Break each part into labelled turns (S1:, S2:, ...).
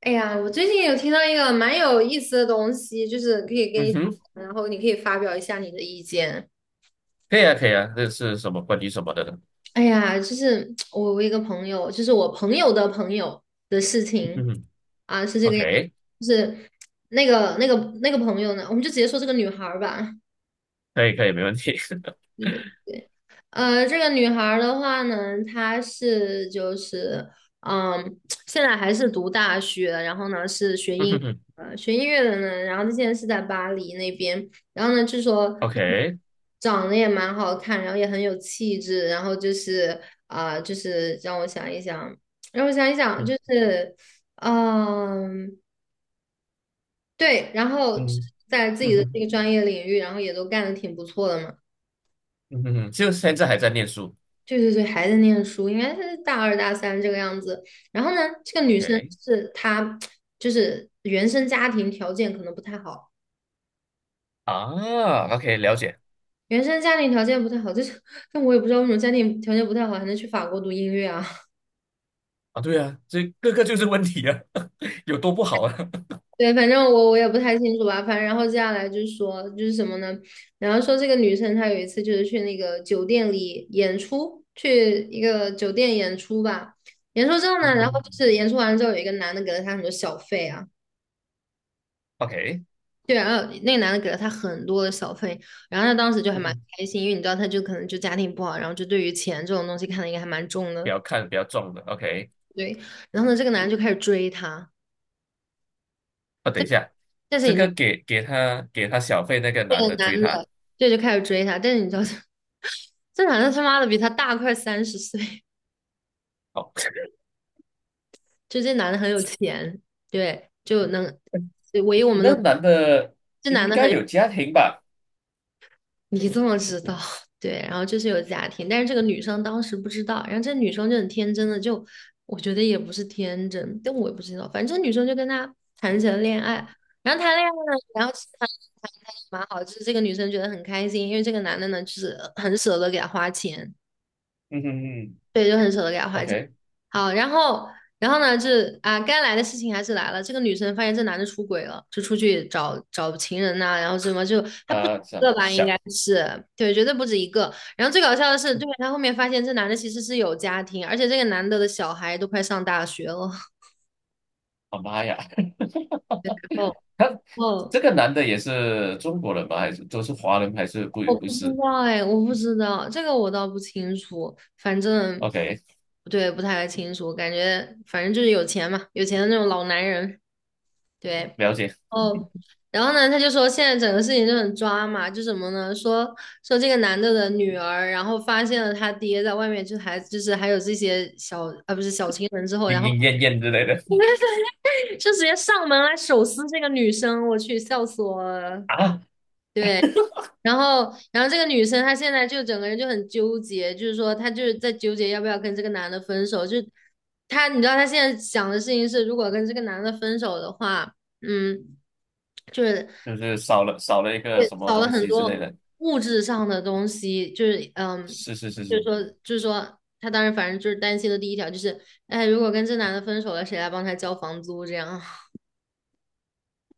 S1: 哎呀，我最近有听到一个蛮有意思的东西，就是可以跟
S2: 嗯
S1: 你讲
S2: 哼，
S1: 然后你可以发表一下你的意见。
S2: 可以啊，可以啊，这是什么关于什么的呢？
S1: 哎呀，就是我一个朋友，就是我朋友的朋友的事
S2: 嗯
S1: 情
S2: 哼
S1: 啊，是这个样子，
S2: ，OK，
S1: 就是那个那个那个朋友呢，我们就直接说这个女孩儿吧。
S2: 可以，可以，没问题。
S1: 这个女孩儿的话呢，她是就是，嗯，现在还是读大学，然后呢是
S2: 嗯哼哼
S1: 学音乐的呢，然后她现在是在巴黎那边，然后呢据说
S2: ，OK，
S1: 长得也蛮好看，然后也很有气质，然后就是就是让我想一想,就
S2: 嗯
S1: 是，嗯，对，然后
S2: 嗯
S1: 在自
S2: 嗯
S1: 己的
S2: 哼
S1: 这个专业领域，然后也都干得挺不错的嘛。
S2: 嗯哼哼，就现在还在念书
S1: 对对对，还在念书，应该是大二大三这个样子。然后呢，这个女生
S2: ，OK。
S1: 是她，就是原生家庭条件可能不太好，
S2: 啊，OK，了解。
S1: 原生家庭条件不太好，就是但我也不知道为什么家庭条件不太好还能去法国读音乐啊。
S2: 啊，对啊，这个就是问题啊，有多不好啊？
S1: 对，反正我也不太清楚吧。反正然后接下来就是说就是什么呢？然后说这个女生她有一次就是去那个酒店里演出，去一个酒店演出吧。演出之后
S2: 嗯
S1: 呢，然后就
S2: 哼
S1: 是演出完了之后有一个男的给了她很多小费啊。
S2: ，OK，
S1: 对，然后那个男的给了他很多的小费，然后他当时就还
S2: 嗯
S1: 蛮
S2: 哼，
S1: 开心，因为你知道，他就可能就家庭不好，然后就对于钱这种东西看的应该还蛮重
S2: 不
S1: 的，
S2: 要看不要撞的，OK。
S1: 对。然后呢，这个男的就开始追她，
S2: 啊，等一下，
S1: 但是
S2: 这
S1: 你知道，
S2: 个给他小费那个
S1: 这
S2: 男
S1: 个
S2: 的
S1: 男
S2: 追
S1: 的
S2: 他，
S1: 对就开始追她，但是你知道，这 这男的他妈的比她大快30岁，
S2: 哦。
S1: 就这男的很有钱，对，就能，对唯一我们
S2: 那
S1: 能，
S2: 男的
S1: 这男
S2: 应
S1: 的
S2: 该
S1: 很。
S2: 有家庭吧？
S1: 你怎么知道？对，然后就是有家庭，但是这个女生当时不知道，然后这女生就很天真的就，我觉得也不是天真，但我也不知道，反正这女生就跟他谈起了恋爱，然后谈恋爱呢，然后其实谈的蛮好，就是这个女生觉得很开心，因为这个男的呢就是很舍得给她花钱，
S2: 嗯哼哼
S1: 对，就很舍得给他花钱。
S2: ，OK。
S1: 好，然后，然后呢，这啊，该来的事情还是来了。这个女生发现这男的出轨了，就出去找找情人呐、然后什么就他不止一
S2: 想
S1: 个吧，应
S2: 想，
S1: 该是对，绝对不止一个。然后最搞笑的是，对，他后面发现这男的其实是有家庭，而且这个男的的小孩都快上大学了。
S2: 啊妈呀。
S1: 哦 哦，
S2: 这个男的也是中国人吧？还是都是华人？还是不
S1: 我
S2: 不
S1: 不知
S2: 是
S1: 道哎，我不知道这个我倒不清楚，反正
S2: ？OK,
S1: 对不太清楚，感觉反正就是有钱嘛，有钱的那种老男人，对。
S2: 了解。
S1: 哦，然后呢，他就说现在整个事情就很抓嘛，就什么呢？说说这个男的的女儿，然后发现了他爹在外面，就还就是还有这些小啊不是小情人之后，然
S2: 莺
S1: 后
S2: 莺燕燕之类的。
S1: 就直接上门来手撕这个女生，我去，笑死我了。
S2: 啊，
S1: 对，然后这个女生她现在就整个人就很纠结，就是说她就是在纠结要不要跟这个男的分手，就她你知道她现在想的事情是，如果跟这个男的分手的话。嗯，就是
S2: 就是少了一个
S1: 对，
S2: 什么
S1: 少了
S2: 东
S1: 很
S2: 西之类
S1: 多
S2: 的。
S1: 物质上的东西，就是嗯，
S2: 是是是
S1: 就是
S2: 是。
S1: 说，就是说，他当时反正就是担心的第一条就是，哎，如果跟这男的分手了，谁来帮他交房租这样？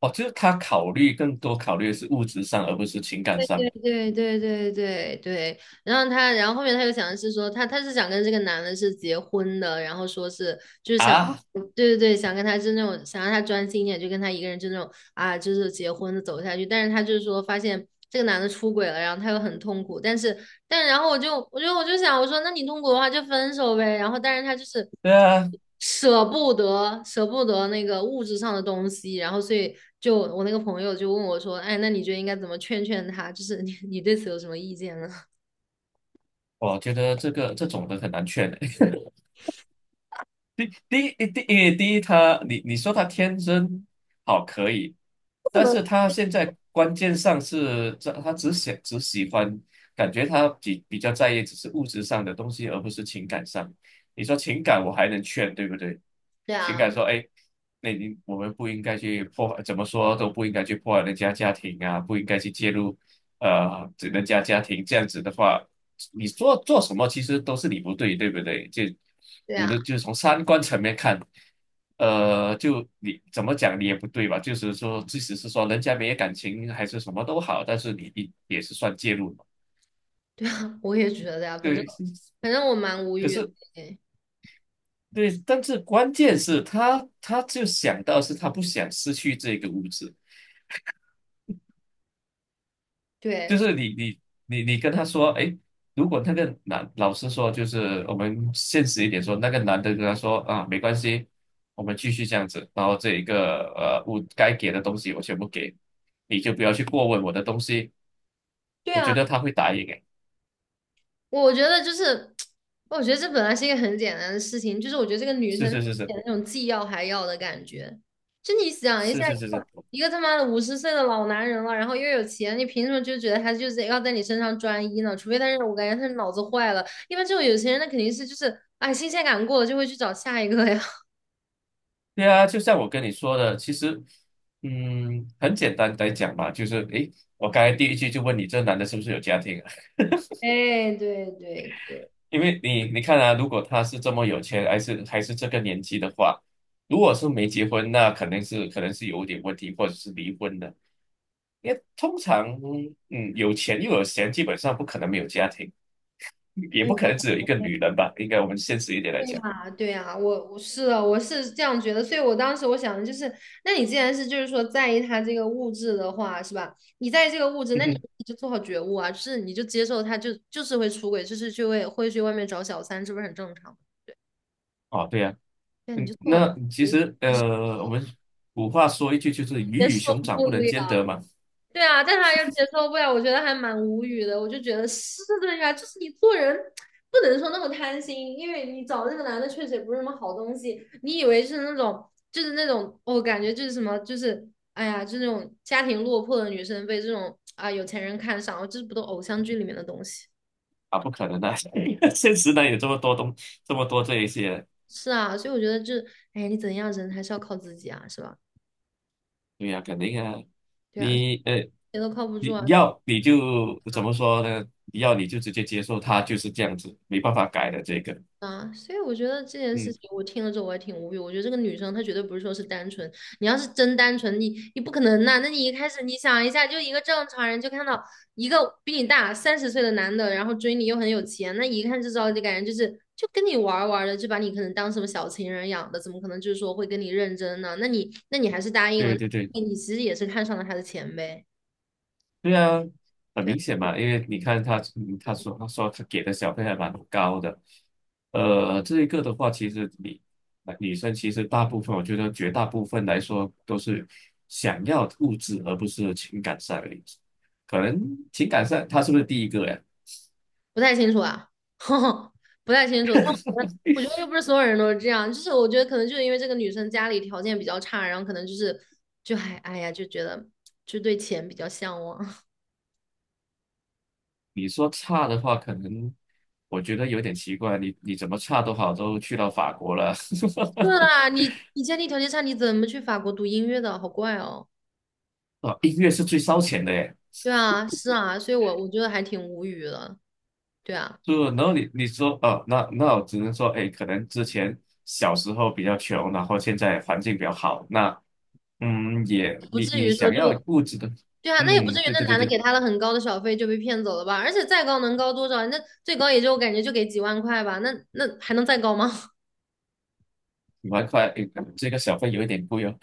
S2: 哦，就是他更多考虑的是物质上，而不是情感上的
S1: 对对对对对，对。然后他，然后后面他又想的是说，他是想跟这个男的是结婚的，然后说是就是想，
S2: 啊。
S1: 对对对，想跟他是那种想让他专心一点，就跟他一个人就那种啊，就是结婚的走下去。但是他就是说发现这个男的出轨了，然后他又很痛苦，但是但然后我就想，我说那你痛苦的话就分手呗。然后但是他就是
S2: 对啊，
S1: 舍不得那个物质上的东西，然后所以就我那个朋友就问我说，哎，那你觉得应该怎么劝劝他？就是你你对此有什么意见呢？
S2: 我觉得这个这种的很难劝的。第第一第因为第一他你说他天真好可以，但是他现在关键上是这他只喜欢，感觉他比较在意只是物质上的东西，而不是情感上。你说情感我还能劝，对不对？
S1: 对
S2: 情
S1: 啊，
S2: 感说，哎，那你我们不应该去破坏，怎么说都不应该去破坏人家家庭啊，不应该去介入，这人家家庭这样子的话，你做什么其实都是你不对，对不对？就
S1: 对
S2: 我
S1: 啊，
S2: 的就是从三观层面看，就你怎么讲你也不对吧？就是说，即使是说人家没有感情还是什么都好，但是你也是算介入嘛，
S1: 对啊，我也觉得呀、反正
S2: 对。
S1: 反正我蛮无
S2: 可
S1: 语的。
S2: 是对，但是关键是他，他就想到是他不想失去这个物质，就
S1: 对
S2: 是你跟他说，哎，如果那个男老师说，就是我们现实一点说，那个男的跟他说啊，没关系，我们继续这样子，然后这一个我该给的东西我全部给，你就不要去过问我的东西，
S1: 对
S2: 我觉
S1: 啊，
S2: 得他会答应，哎，
S1: 我觉得就是，我觉得这本来是一个很简单的事情，就是我觉得这个女
S2: 是
S1: 生
S2: 是是是
S1: 有那种既要还要的感觉。就你想一
S2: 是
S1: 下，
S2: 是是是，
S1: 一个他妈的50岁的老男人了，然后又有钱，你凭什么就觉得他就是要在你身上专一呢？除非他是我感觉他是脑子坏了，一般这种有钱人那肯定是就是，哎，新鲜感过了就会去找下一个呀。
S2: 对啊，就像我跟你说的，其实嗯，很简单来讲嘛，就是哎我刚才第一句就问你，这男的是不是有家庭啊？
S1: 哎，对对对，
S2: 因为你看啊，如果他是这么有钱，还是这个年纪的话，如果是没结婚，那肯定是可能是有点问题，或者是离婚的。因为通常，嗯，有钱又有闲，基本上不可能没有家庭，也不可能只有一个女人吧？应该我们现实一点来
S1: 对
S2: 讲。
S1: 呀，对呀，我是的，我是这样觉得，所以我当时我想的就是，那你既然是就是说在意他这个物质的话，是吧？你在意这个物质，
S2: 嗯
S1: 那你
S2: 哼，
S1: 你就做好觉悟啊，就是你就接受他就就是会出轨，就是去会会去外面找小三，这不是很正常
S2: 哦，对呀、
S1: 对啊你
S2: 嗯，
S1: 就做好觉
S2: 那其
S1: 悟，
S2: 实
S1: 但是
S2: 我们古话说一句就是
S1: 接
S2: 鱼与
S1: 受
S2: 熊掌
S1: 不
S2: 不能
S1: 了。
S2: 兼得嘛。
S1: 对啊，但是他又接受不了，我觉得还蛮无语的。我就觉得是的呀，就是你做人不能说那么贪心，因为你找那个男的确实也不是什么好东西。你以为是那种，就是那种，我、感觉就是什么，就是哎呀，就那种家庭落魄的女生被这种啊有钱人看上，哦这不都偶像剧里面的东西？
S2: 啊，不可能的、现实呢有这么多东，这么多这一些
S1: 是啊，所以我觉得这，哎，你怎样人还是要靠自己啊，是吧？
S2: 对呀、肯定啊，
S1: 对啊，
S2: 你呃，
S1: 谁都靠不住
S2: 你
S1: 啊，对
S2: 要你就怎
S1: 吧？
S2: 么说呢？你要你就直接接受他就是这样子，没办法改的这个。
S1: 啊，所以我觉得这件事
S2: 嗯，
S1: 情，我听了之后我也挺无语。我觉得这个女生她绝对不是说是单纯，你要是真单纯，你不可能呐、那你一开始你想一下，就一个正常人就看到一个比你大三十岁的男的，然后追你又很有钱，那一看就知道就感觉就是就跟你玩儿玩儿的，就把你可能当什么小情人养的，怎么可能就是说会跟你认真呢？那你那你还是答应了，
S2: 对对对，
S1: 你其实也是看上了他的钱呗。
S2: 对啊，很
S1: 对。
S2: 明显嘛，因为你看他，嗯他说他给的小费还蛮高的，这一个的话，其实女生其实大部分，我觉得绝大部分来说都是想要物质而不是情感上的，可能情感上他是不是第一个呀？
S1: 不太清楚啊，不太清楚。但我觉得，我觉得又不是所有人都是这样，就是我觉得可能就是因为这个女生家里条件比较差，然后可能就是就还哎呀，就觉得就对钱比较向往。
S2: 你说差的话，可能我觉得有点奇怪。你你怎么差都好，都去到法国了。
S1: 是 啊，你家里条件差，你怎么去法国读音乐的？好怪哦。
S2: 啊，音乐是最烧钱的耶。
S1: 对啊，是啊，所以我觉得还挺无语的。对啊，
S2: 就然后你你说哦，那我只能说，哎，可能之前小时候比较穷，然后现在环境比较好。那嗯，也
S1: 不
S2: 你
S1: 至
S2: 你
S1: 于说
S2: 想
S1: 就
S2: 要物质的，
S1: 对啊，那也不
S2: 嗯，
S1: 至于，
S2: 对
S1: 那
S2: 对对
S1: 男的
S2: 对，
S1: 给他了很高的小费就被骗走了吧？而且再高能高多少？那最高也就我感觉就给几万块吧，那那还能再高吗？
S2: 你蛮快，诶这个小费有一点贵哦。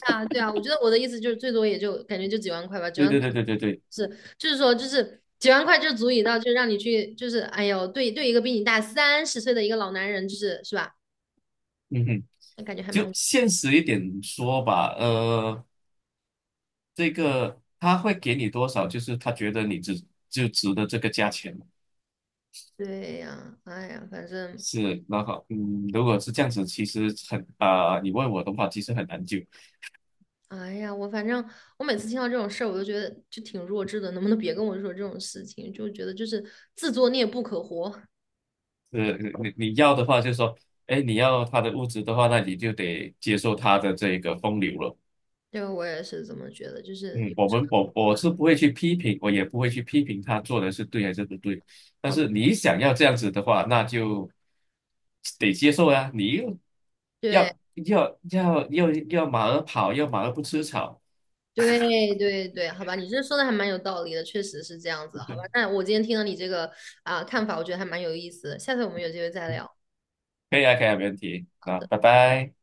S1: 啊，对啊，我觉得我的意思就是最多也就感觉就几万块吧，几
S2: 对
S1: 万块
S2: 对对对对对，
S1: 是就是说就是几万块就足以到就让你去就是哎呦对对一个比你大三十岁的一个老男人就是是吧？
S2: 嗯哼，
S1: 那感觉还
S2: 就
S1: 蛮
S2: 现实一点说吧。这个他会给你多少？就是他觉得你值就值得这个价钱
S1: 对呀，哎呀，反正
S2: 是，然后嗯，如果是这样子，其实很啊、你问我的话，其实很难就，
S1: 哎呀，我反正我每次听到这种事儿，我都觉得就挺弱智的，能不能别跟我说这种事情？就觉得就是自作孽不可活，
S2: 是，你你要的话，就是说，哎，你要他的物质的话，那你就得接受他的这个风流了。
S1: 这个我也是这么觉得，就是
S2: 嗯，
S1: 有
S2: 我
S1: 时
S2: 们我我是不会去批评，我也不会去批评他做的是对还是不对。但
S1: 候好
S2: 是你想要这样子的话，那就得接受啊。你又
S1: 对。
S2: 要要马儿跑，要马儿不吃草。
S1: 对对对，好吧，你这说的还蛮有道理的，确实是这样子，好吧。那我今天听了你这个啊、看法，我觉得还蛮有意思的，下次我们有机会再聊。
S2: 可以啊，可以啊，没问题。
S1: 好
S2: 那
S1: 的。
S2: 拜拜。